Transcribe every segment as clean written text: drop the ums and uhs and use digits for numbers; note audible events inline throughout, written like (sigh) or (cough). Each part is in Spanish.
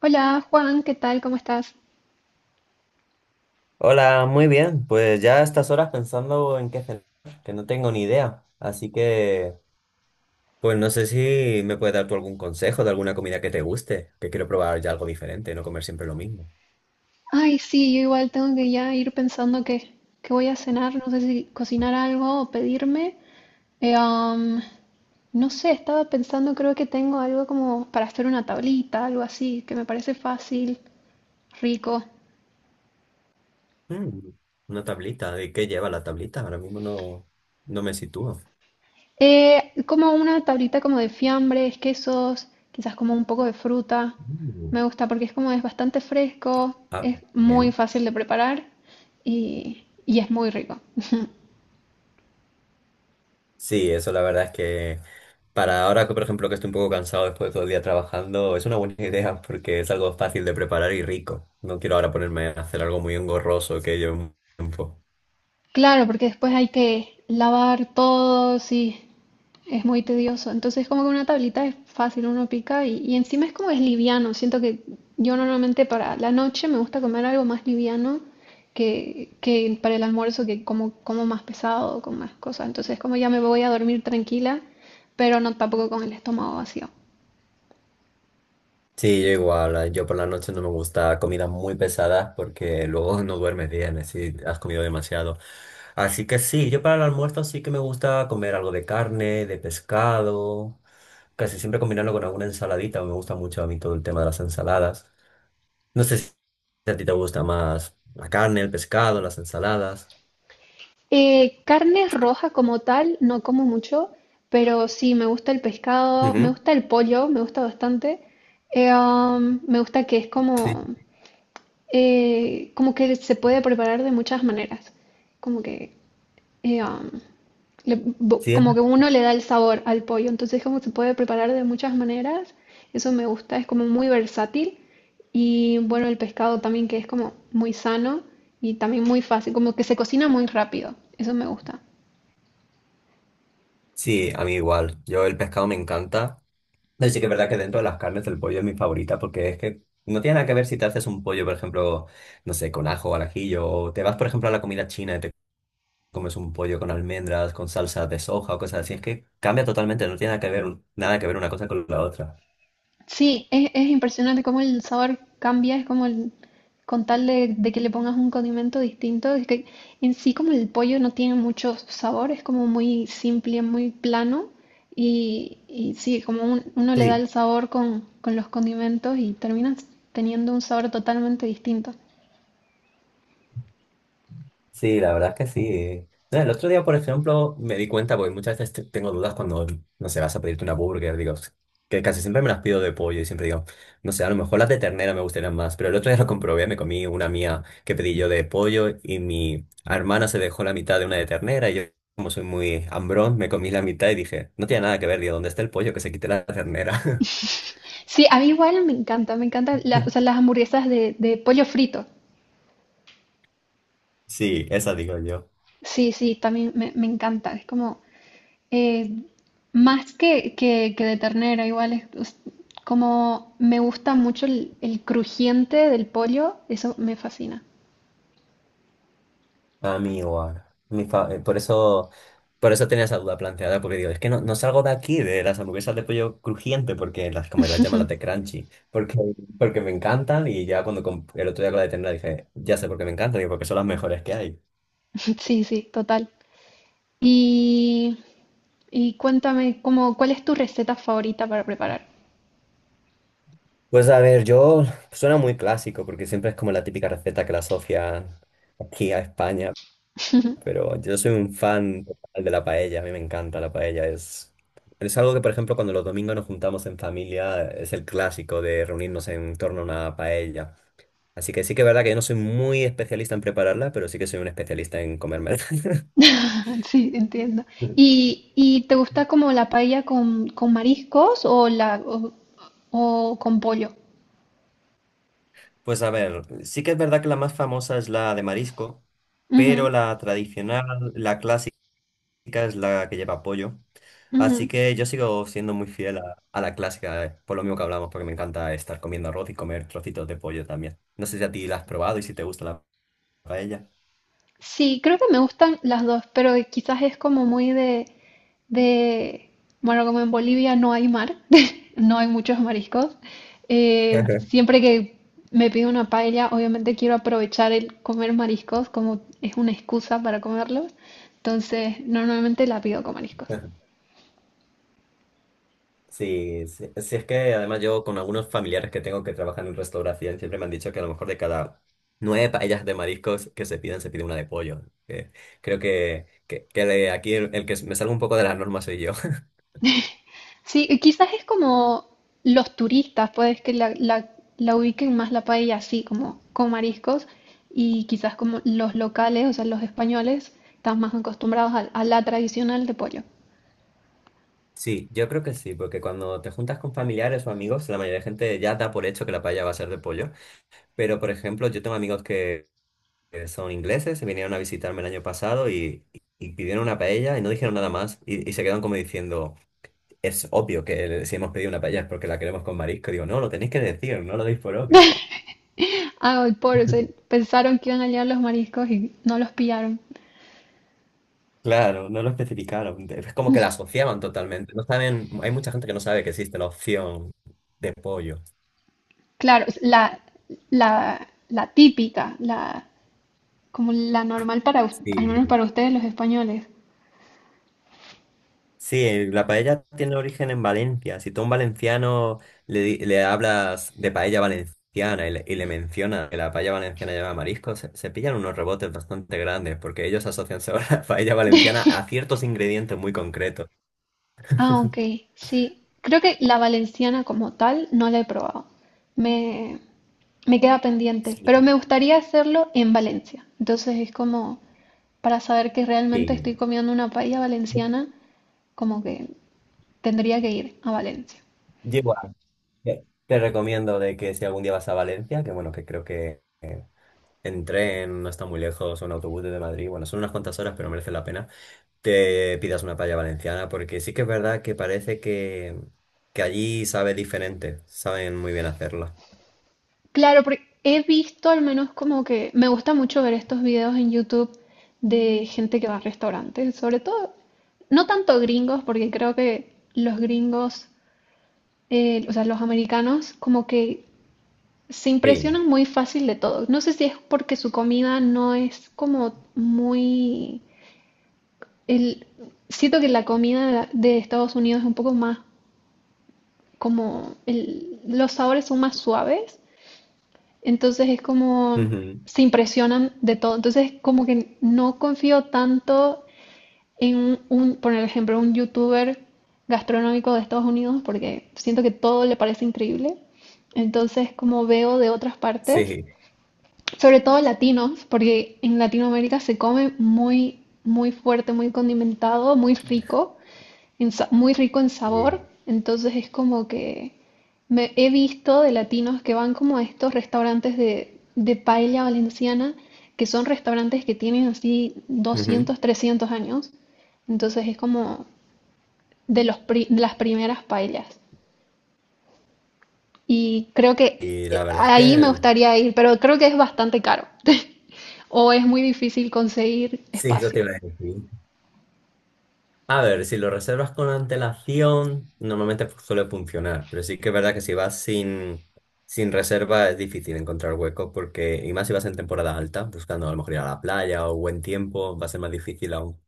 Hola Juan, ¿qué tal? ¿Cómo estás? Hola, muy bien. Pues ya a estas horas pensando en qué hacer, que no tengo ni idea. Así que, pues no sé si me puedes dar tú algún consejo de alguna comida que te guste, que quiero probar ya algo diferente, no comer siempre lo mismo. Ay, sí, yo igual tengo que ya ir pensando que voy a cenar, no sé si cocinar algo o pedirme. Eh, am, no sé, estaba pensando, creo que tengo algo como para hacer una tablita, algo así, que me parece fácil, rico. Mm, una tablita. ¿De qué lleva la tablita? Ahora mismo no me sitúo. Como una tablita como de fiambres, quesos, quizás como un poco de fruta. Mm. Me gusta porque es como es bastante fresco, Ah, es muy bien. fácil de preparar y es muy rico. (laughs) Sí, eso la verdad es que para ahora que por ejemplo que estoy un poco cansado después de todo el día trabajando, es una buena (laughs) idea porque es algo fácil de preparar y rico. No quiero ahora ponerme a hacer algo muy engorroso que lleve un tiempo. Claro, porque después hay que lavar todo, sí, es muy tedioso. Entonces, como que una tablita es fácil, uno pica y encima es como es liviano. Siento que yo normalmente para la noche me gusta comer algo más liviano que para el almuerzo, que como, como más pesado, con más cosas. Entonces, como ya me voy a dormir tranquila, pero no tampoco con el estómago vacío. Sí, yo igual, yo por la noche no me gusta comidas muy pesadas porque luego (laughs) no duermes bien, si has comido demasiado. Así que sí, yo para el almuerzo sí que me gusta comer algo de carne, de pescado, casi siempre combinarlo con alguna ensaladita, me gusta mucho a mí todo el tema de las ensaladas. No sé si a ti te gusta más la carne, el pescado, las ensaladas. Carne roja como tal, no como mucho, pero sí, me gusta el pescado, me Ujú. gusta el pollo, me gusta bastante. Me gusta que es Sí, como, como que se puede preparar de muchas maneras. Como que, eh, um, sí, como que uno le da el sabor al pollo. Entonces, como se puede preparar de muchas maneras. Eso me gusta, es como muy versátil. Y bueno, el pescado también que es como muy sano y también muy fácil, como que se cocina muy rápido. Eso me gusta. sí, a mí igual. Yo el pescado me encanta. Pero sí que es verdad que dentro de las carnes el pollo es mi favorita porque es que no tiene nada que ver si te haces un pollo, por ejemplo, no sé, con ajo o al ajillo, o te vas, por ejemplo, a la comida china y te comes un pollo con almendras, con salsa de soja o cosas así. Es que cambia totalmente, no tiene nada que ver, nada que ver una cosa con la otra. Sí, es impresionante cómo el sabor cambia, es como el, con tal de que le pongas un condimento distinto, es que en sí como el pollo no tiene mucho sabor, es como muy simple, muy plano, y sí, como uno Sí, le da sí. el sabor con los condimentos y terminas teniendo un sabor totalmente distinto. Sí, la verdad es que sí. No, el otro día, por ejemplo, me di cuenta, porque muchas veces tengo dudas cuando, no sé, vas a pedirte una burger, digo, que casi siempre me las pido de pollo y siempre digo, no sé, a lo mejor las de ternera me gustarían más, pero el otro día lo comprobé, me comí una mía que pedí yo de pollo y mi hermana se dejó la mitad de una de ternera y yo, como soy muy hambrón, me comí la mitad y dije, no tiene nada que ver, digo, ¿dónde está el pollo? Que se quite la ternera. Sí, a mí igual me encanta, me encantan las, o sea, (laughs) las hamburguesas de pollo frito. Sí, esa digo yo. Sí, sí, también me encanta, es como Eh, más que de ternera, igual es como me gusta mucho el crujiente del pollo, eso me fascina. A mí igual. Por eso tenía esa duda planteada, porque digo, es que no salgo de aquí, de las hamburguesas de pollo crujiente, porque las, como las (laughs) llaman las de crunchy, porque, porque me encantan y ya cuando el otro día con la de ternera dije, ya sé por qué me encantan, digo, porque son las mejores que hay. Sí, sí, total. Y, y cuéntame, como, ¿cuál es tu receta favorita para preparar? Pues a ver, yo suena muy clásico, porque siempre es como la típica receta que la asocian aquí a España. Pero yo soy un fan total de la paella, a mí me encanta la paella. Es algo que, por ejemplo, cuando los domingos nos juntamos en familia, es el clásico de reunirnos en torno a una paella. Así que sí que es verdad que yo no soy muy especialista en prepararla, pero sí que soy un especialista en comerme. (laughs) (laughs) Sí, entiendo. ¿ Y te gusta como la paella con mariscos o con pollo? Pues a ver, sí que es verdad que la más famosa es la de marisco, Ujú, pero la tradicional, la clásica. Clásica es la que lleva pollo. Así ujú. que yo sigo siendo muy fiel a la clásica, por lo mismo que hablamos, porque me encanta estar comiendo arroz y comer trocitos de pollo también. No sé si a ti la has probado y si te gusta la paella. Sí, creo que me gustan las dos, pero quizás es como muy de, bueno, como en Bolivia no hay mar, (laughs) no hay muchos mariscos. (laughs) Siempre que me pido una paella, obviamente quiero aprovechar el comer mariscos como es una excusa para comerlos. Entonces, normalmente la pido con mariscos. Sí, sí, sí, es que además yo con algunos familiares que tengo que trabajan en restauración siempre me han dicho que a lo mejor de cada 9 paellas de mariscos que se piden, se pide una de pollo. Que creo que de aquí el que me salgo un poco de las normas soy yo. Sí, y quizás es como los turistas, pues que la ubiquen más la paella así, como con mariscos, y quizás como los locales, o sea, los españoles, están más acostumbrados a la tradicional de pollo. Sí, yo creo que sí, porque cuando te juntas con familiares o amigos, la mayoría de gente ya da por hecho que la paella va a ser de pollo. Pero, por ejemplo, yo tengo amigos que son ingleses, se vinieron a visitarme el año pasado y pidieron una paella y no dijeron nada más y se quedan como diciendo, es obvio que si hemos pedido una paella es porque la queremos con marisco. Digo, no, lo tenéis que decir, no lo deis por obvio. Ah, el pollo, (laughs) pensaron que iban a llegar los mariscos y no los pillaron. Claro, no lo especificaron. Es como que la asociaban totalmente. No saben, hay mucha gente que no sabe que existe la opción de pollo. Claro, es la típica, la, como la normal para, al menos Sí, para ustedes los españoles. sí, la paella tiene origen en Valencia. Si tú a un valenciano le hablas de paella valenciana y le mencionas que la paella valenciana lleva mariscos, se pillan unos rebotes bastante grandes porque ellos asocian sobre (laughs) la paella valenciana a ciertos ingredientes muy concretos. Ah, ok, sí. Creo que la valenciana como tal no la he probado. Me, Me queda pendiente, pero me Sí. gustaría hacerlo en Valencia. Entonces es como para saber que realmente estoy Sí. comiendo una paella valenciana, como que tendría que ir a Valencia. Yo igual, te recomiendo de que si algún día vas a Valencia, que bueno, que creo que en tren no está muy lejos, o en autobús desde Madrid, bueno, son unas cuantas horas, pero merece la pena te pidas una paella valenciana, porque sí que es verdad que parece que allí sabe diferente, saben muy bien hacerla. Claro, porque he visto al menos como que me gusta mucho ver estos videos en YouTube de gente que va a restaurantes, sobre todo, no tanto gringos, porque creo que los gringos o sea, los americanos como que se Sí, impresionan muy fácil de todo. No sé si es porque su comida no es como muy… El, siento que la comida de Estados Unidos es un poco más como… Los sabores son más suaves, entonces es como… ujú, se impresionan de todo. Entonces como que no confío tanto en por ejemplo, un youtuber gastronómico de Estados Unidos porque siento que todo le parece increíble. Entonces, como veo de otras partes, sí, sobre todo latinos, porque en Latinoamérica se come muy, muy fuerte, muy condimentado, muy rico, muy rico en y- sabor. Entonces es como que me he visto de latinos que van como a estos restaurantes de paella valenciana, que son restaurantes que tienen así ujú. 200-300 años. Entonces es como de de las primeras paellas. Y creo que Y la verdad es ahí me que gustaría ir, pero creo que es bastante caro. (laughs) O es muy difícil conseguir sí, eso te espacio. iba a decir. A ver, si lo reservas con antelación, normalmente suele funcionar, pero sí que es verdad que si vas sin, sin reserva es difícil encontrar hueco, porque, y más si vas en temporada alta, buscando a lo mejor ir a la playa o buen tiempo, va a ser más difícil aún.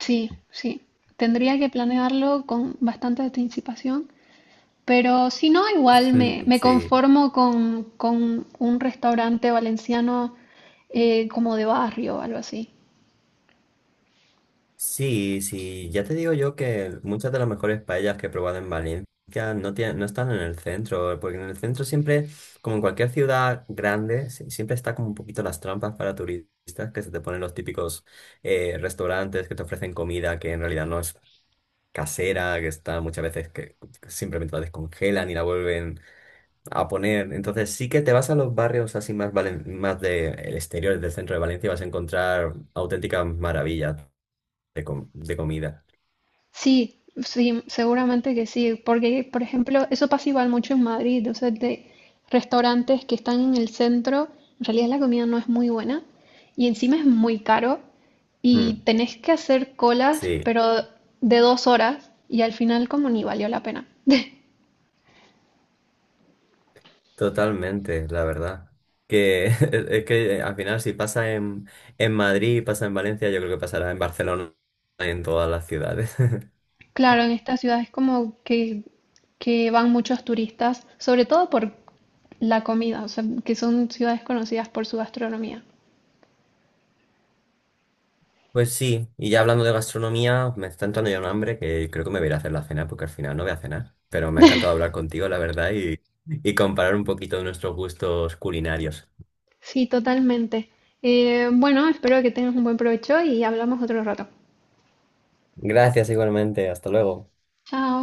Sí, sí. Tendría que planearlo con bastante anticipación. Pero si no, igual (laughs) me Sí. conformo con un restaurante valenciano como de barrio o algo así. Sí, sí, ya te digo yo que muchas de las mejores paellas que he probado en Valencia no están en el centro, porque en el centro siempre, como en cualquier ciudad grande, siempre está como un poquito las trampas para turistas, que se te ponen los típicos restaurantes que te ofrecen comida que en realidad no es casera, que está muchas veces que simplemente la descongelan y la vuelven a poner. Entonces sí que te vas a los barrios así más, más del exterior del centro de Valencia y vas a encontrar auténticas maravillas de de comida. Sí, sí, seguramente que sí, porque, por ejemplo, eso pasa igual mucho en Madrid, o sea, de restaurantes que están en el centro, en realidad la comida no es muy buena y encima es muy caro y Mm. tenés que hacer colas, Sí, pero de 2 horas y al final como ni valió la pena. (laughs) totalmente, la verdad. Que (laughs) es que al final si pasa en Madrid pasa en Valencia, yo creo que pasará en Barcelona y en todas las ciudades. (laughs) Claro, en esta ciudad es como que van muchos turistas, sobre todo por la comida, o sea, que son ciudades conocidas por su gastronomía. Pues sí, y ya hablando de gastronomía, me está entrando ya un hambre que creo que me voy a ir a hacer la cena porque al final no voy a cenar. Pero me ha encantado hablar contigo, la verdad, y comparar un poquito de nuestros gustos culinarios. Sí, totalmente. Bueno, espero que tengas un buen provecho y hablamos otro rato. Gracias igualmente, hasta luego. Chao.